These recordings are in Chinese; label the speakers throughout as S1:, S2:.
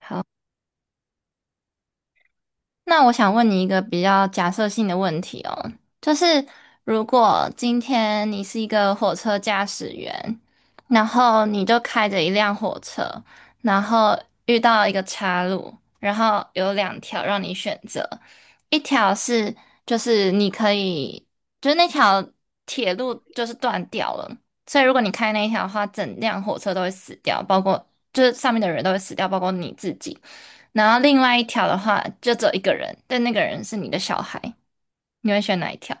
S1: 好，那我想问你一个比较假设性的问题哦，就是如果今天你是一个火车驾驶员，然后你就开着一辆火车，然后遇到一个岔路，然后有两条让你选择，一条是就是你可以，就是那条铁路就是断掉了，所以如果你开那一条的话，整辆火车都会死掉，包括就是上面的人都会死掉，包括你自己。然后另外一条的话，就只有一个人，但那个人是你的小孩，你会选哪一条？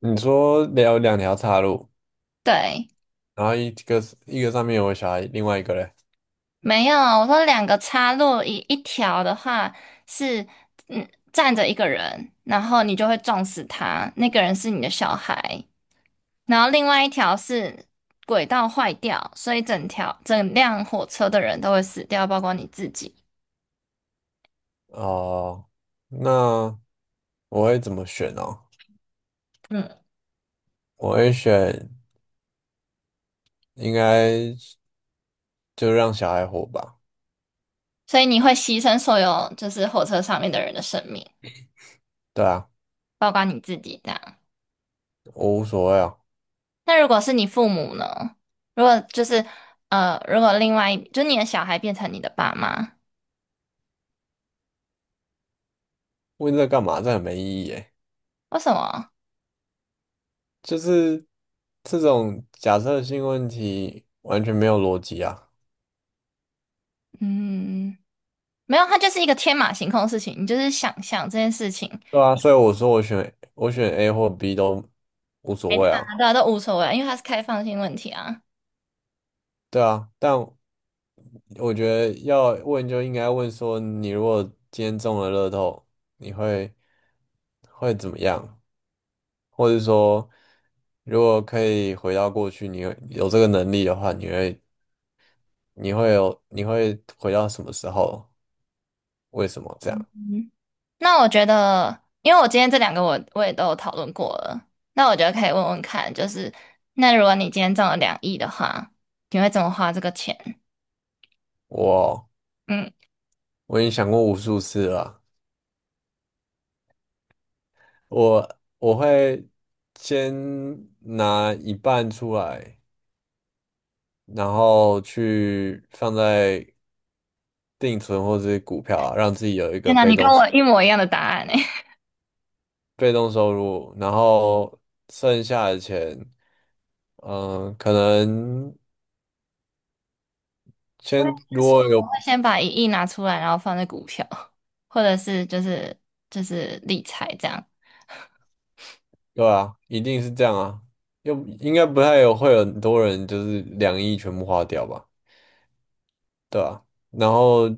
S2: 你说有两条岔路，
S1: 对，
S2: 然后一个是一个上面有我小孩，另外一个嘞，
S1: 没有，我说两个插入一条的话是，站着一个人，然后你就会撞死他，那个人是你的小孩，然后另外一条是轨道坏掉，所以整辆火车的人都会死掉，包括你自己，
S2: 哦，那我会怎么选呢？
S1: 嗯，
S2: 我会选，应该就让小孩活吧。
S1: 所以你会牺牲所有就是火车上面的人的生命，
S2: 对啊，
S1: 包括你自己这样。
S2: 我无所谓啊。
S1: 那如果是你父母呢？如果就是如果另外一就你的小孩变成你的爸妈，
S2: 问这干嘛？这很没意义诶。
S1: 为什么？
S2: 就是这种假设性问题完全没有逻辑啊。
S1: 嗯，没有，它就是一个天马行空的事情，你就是想象这件事情，
S2: 对啊，所以我说我选 A 或 B 都无所
S1: 没
S2: 谓啊。
S1: 他的都无所谓啊，因为它是开放性问题啊。
S2: 对啊，但我觉得要问就应该问说，你如果今天中了乐透，你会怎么样？或者说，如果可以回到过去，你有这个能力的话，你会回到什么时候？为什么这样？
S1: 那我觉得，因为我今天这两个我也都有讨论过了，那我觉得可以问问看，就是那如果你今天中了两亿的话，你会怎么花这个钱？
S2: 我
S1: 嗯，
S2: 我已经想过无数次了啊，我会先拿一半出来。然后去放在定存或者是股票啊，让自己有一
S1: 天
S2: 个
S1: 哪，
S2: 被
S1: 你跟
S2: 动。
S1: 我一模一样的答案呢
S2: 被动收入，然后剩下的钱，嗯、可能
S1: 我也
S2: 先如
S1: 是说，
S2: 果
S1: 我
S2: 有，
S1: 会先把一亿拿出来，然后放在股票，或者是就是理财这样。
S2: 对啊，一定是这样啊，又应该不太有会有很多人就是两亿全部花掉吧，对啊，然后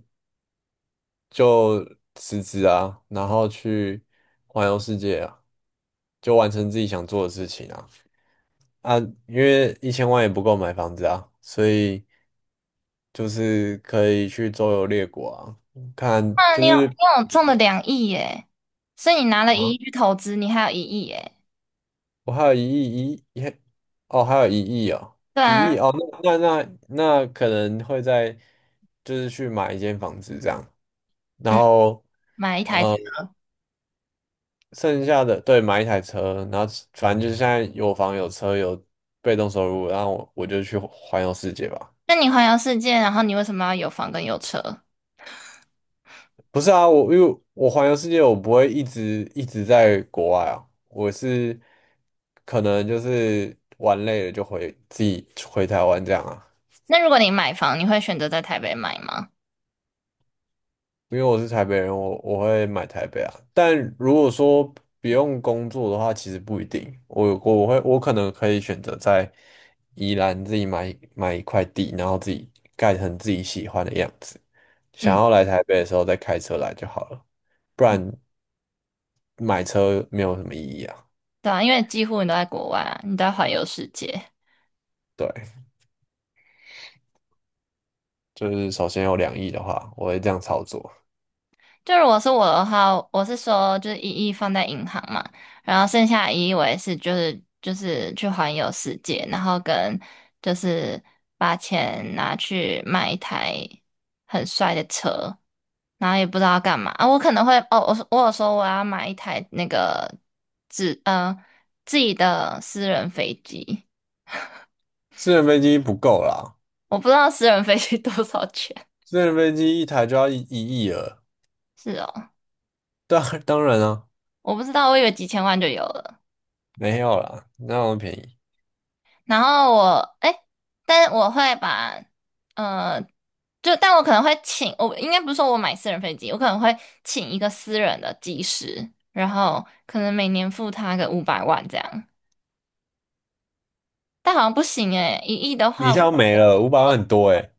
S2: 就辞职啊，然后去环游世界啊，就完成自己想做的事情啊，啊，因为一千万也不够买房子啊，所以就是可以去周游列国啊，看
S1: 那
S2: 就
S1: 你有
S2: 是。
S1: 你有中了两亿耶，所以你拿了一亿去投资，你还有一亿耶。
S2: 我还有一亿，哦，还有一亿哦，
S1: 对
S2: 一亿
S1: 啊，
S2: 哦，那可能会在就是去买一间房子这样，然
S1: 嗯，
S2: 后
S1: 买一台车。
S2: 呃，剩下的对买一台车，然后反正就是现在有房有车有被动收入，然后我就去环游世界吧。
S1: 那你环游世界，然后你为什么要有房跟有车？
S2: 不是啊，我因为我环游世界，我不会一直在国外啊，我是可能就是玩累了就回自己回台湾这样啊。
S1: 那如果你买房，你会选择在台北买吗？
S2: 因为我是台北人，我会买台北啊。但如果说不用工作的话，其实不一定。我可能可以选择在宜兰自己买一块地，然后自己盖成自己喜欢的样子。想
S1: 嗯，
S2: 要来台北的时候再开车来就好了，不然买车没有什么意义啊。
S1: 对啊，因为几乎你都在国外啊，你都在环游世界。
S2: 对，就是首先有两亿的话，我会这样操作。
S1: 就如果是我的话，我是说就是一亿放在银行嘛，然后剩下的一亿我也是就是去环游世界，然后跟就是把钱拿去买一台很帅的车，然后也不知道要干嘛啊。我可能会哦，我说我有说我要买一台那个自呃自己的私人飞机，
S2: 私人飞机不够啦，
S1: 我不知道私人飞机多少钱，
S2: 私人飞机一台就要一亿了。
S1: 是哦，
S2: 当然啊，
S1: 我不知道，我以为几千万就有了。
S2: 没有啦，那么便宜？
S1: 然后我，哎，但我会把，呃，就但我可能会请，我应该不是说我买私人飞机，我可能会请一个私人的机师，然后可能每年付他个500万这样，但好像不行诶，一亿的
S2: 你一
S1: 话，
S2: 下就没了，五百万很多哎，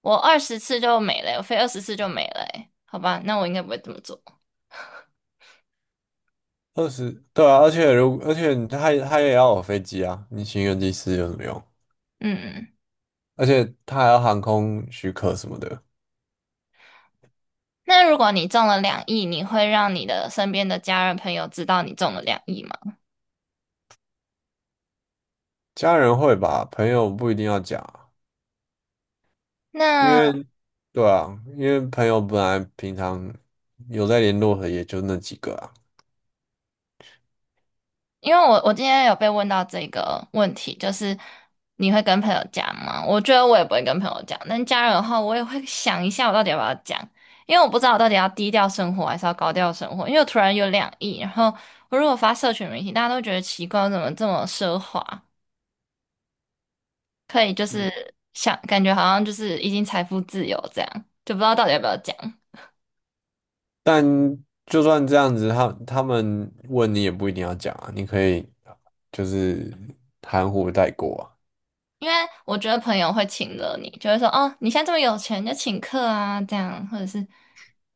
S1: 我二十次就没了，我飞二十次就没了诶，好吧，那我应该不会这么做。
S2: 二十，对啊，而且他也要有飞机啊，你请一个机师有什么用？
S1: 嗯，
S2: 而且他还要航空许可什么的，
S1: 那如果你中了两亿，你会让你的身边的家人朋友知道你中了两亿吗？
S2: 家人会吧，朋友不一定要讲啊，因
S1: 那
S2: 为对啊，因为朋友本来平常有在联络的也就那几个啊，
S1: 因为我今天有被问到这个问题，就是你会跟朋友讲吗？我觉得我也不会跟朋友讲，但家人的话，我也会想一下我到底要不要讲，因为我不知道我到底要低调生活还是要高调生活，因为我突然有两亿，然后我如果发社群媒体，大家都觉得奇怪，我怎么这么奢华，可以就
S2: 嗯，
S1: 是想感觉好像就是已经财富自由这样，就不知道到底要不要讲。
S2: 但就算这样子，他们问你也不一定要讲啊，你可以就是含糊带过啊。
S1: 因为我觉得朋友会请了你，就会说哦，你现在这么有钱，就请客啊，这样或者是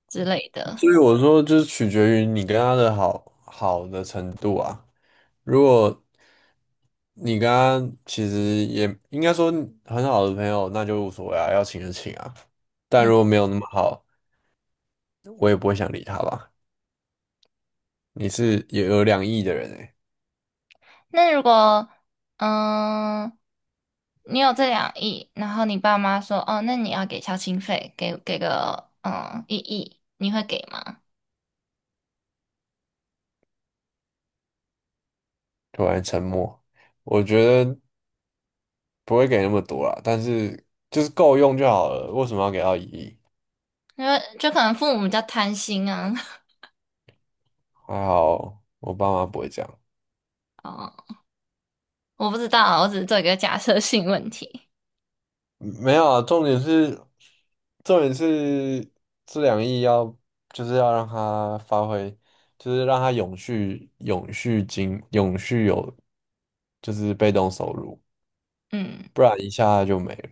S1: 之类的。
S2: 所以我说，就是取决于你跟他的好的程度啊。如果你跟他其实也应该说很好的朋友，那就无所谓啊，要请就请啊。但
S1: 嗯。
S2: 如果没有那么好，我也不会想理他吧。你是也有两亿的人诶，
S1: 那如果，嗯，你有这两亿，然后你爸妈说，哦，那你要给孝亲费，给个，嗯，一亿，你会给吗？
S2: 突然沉默，我觉得不会给那么多啦，但是就是够用就好了，为什么要给到一亿？
S1: 因为就可能父母比较贪心啊。
S2: 还好我爸妈不会这样。
S1: 哦，我不知道啊，我只是做一个假设性问题。
S2: 没有啊，重点是这两亿要就是要让它发挥，就是让它永续有就是被动收入，
S1: 嗯，
S2: 不然一下就没了。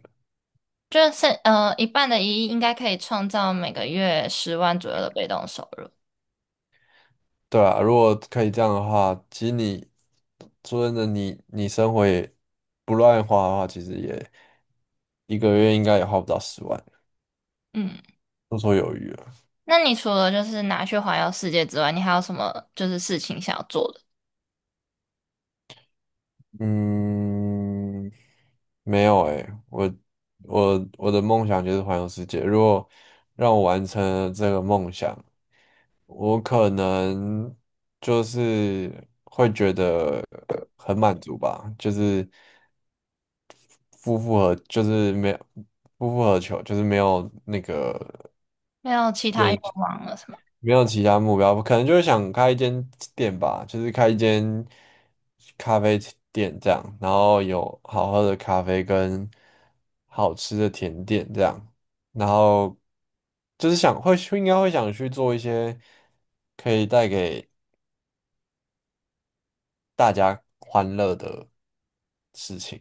S1: 就是0.5亿应该可以创造每个月10万左右的被动收入。
S2: 对啊，如果可以这样的话，其实你说真的你，你生活也不乱花的话，其实也一个月应该也花不到十万，
S1: 嗯，
S2: 绰绰有余了。
S1: 那你除了就是拿去环游世界之外，你还有什么就是事情想要做的？
S2: 嗯，没有诶，我我的梦想就是环游世界。如果让我完成了这个梦想，我可能就是会觉得很满足吧，就是夫复何，就是没有夫复何求，就是没有那个
S1: 没有其他愿望了？是吗？
S2: 没有其他目标，可能就是想开一间店吧，就是开一间咖啡店这样，然后有好喝的咖啡跟好吃的甜点这样，然后就是想会应该会想去做一些可以带给大家欢乐的事情。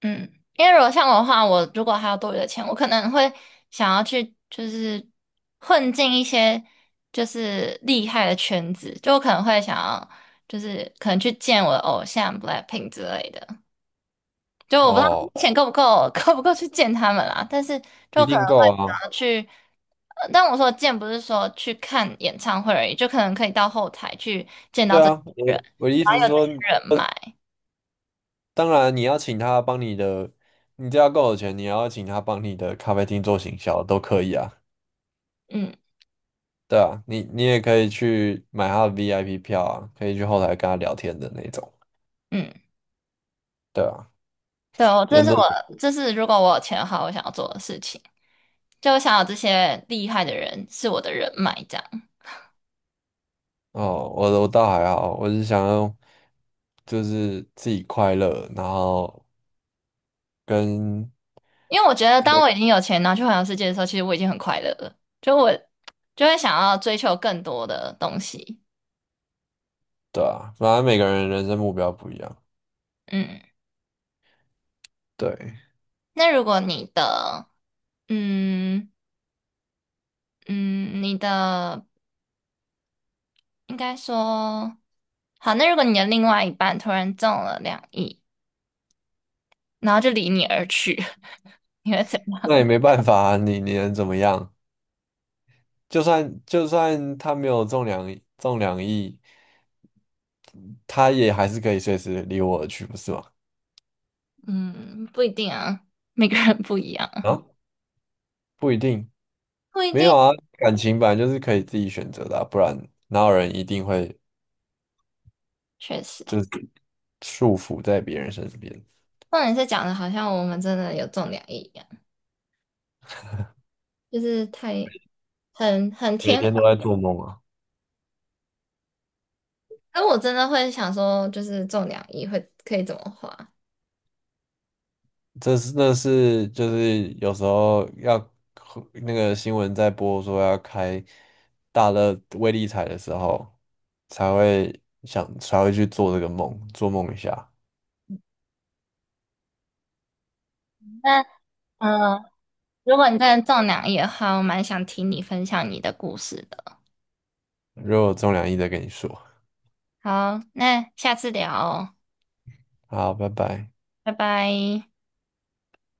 S1: 嗯，因为如果像我的话，我如果还有多余的钱，我可能会想要去就是混进一些就是厉害的圈子，就我可能会想要就是可能去见我的偶像 BLACKPINK 之类的。就我不知
S2: 哦，
S1: 道钱够不够，够不够去见他们啦，但是
S2: 一
S1: 就可
S2: 定
S1: 能会
S2: 够啊，
S1: 想要去。但我说的见不是说去看演唱会而已，就可能可以到后台去见到
S2: 对
S1: 这些
S2: 啊，我
S1: 人，
S2: 我的意
S1: 然
S2: 思
S1: 后
S2: 是
S1: 有这
S2: 说，
S1: 些人脉。
S2: 当然你要请他帮你的，你只要够有钱，你要请他帮你的咖啡厅做行销都可以啊。
S1: 嗯
S2: 对啊，你也可以去买他的 VIP 票啊，可以去后台跟他聊天的那种。
S1: 嗯。
S2: 对啊，
S1: 对，我
S2: 因
S1: 这
S2: 为
S1: 是
S2: 都
S1: 我，这是如果我有钱的话，我想要做的事情。就我想要这些厉害的人是我的人脉，这样。
S2: 哦，我倒还好，我是想要就是自己快乐，然后跟
S1: 因为我觉得，当我已经有钱然后去环游世界的时候，其实我已经很快乐了。就我就会想要追求更多的东西。
S2: 对啊，反正每个人人生目标不一样，
S1: 嗯，
S2: 对，
S1: 那如果你的，嗯嗯，你的应该说好，那如果你的另外一半突然中了两亿，然后就离你而去，你会怎样
S2: 那也没办法啊，你能怎么样？就算他没有中两亿，他也还是可以随时离我而去，不是吗？
S1: 嗯，不一定啊，每个人不一样，
S2: 啊，不一定。
S1: 不一
S2: 没
S1: 定，
S2: 有啊，感情本来就是可以自己选择的啊，不然哪有人一定会
S1: 确实。
S2: 就是束缚在别人身边，
S1: 那你是讲的好像我们真的有中两亿一样，就是太很很
S2: 每
S1: 天方。
S2: 天都在做梦啊。
S1: 那我真的会想说，就是中两亿会可以怎么花？
S2: 那是就是有时候要那个新闻在播说要开大乐威力彩的时候，才会去做这个梦，做梦一下。
S1: 那嗯、呃如果你真的中两亿的话，我蛮想听你分享你的故事的。
S2: 如果有中两亿再跟你说，
S1: 好，那下次聊哦
S2: 好，拜拜。
S1: 拜拜。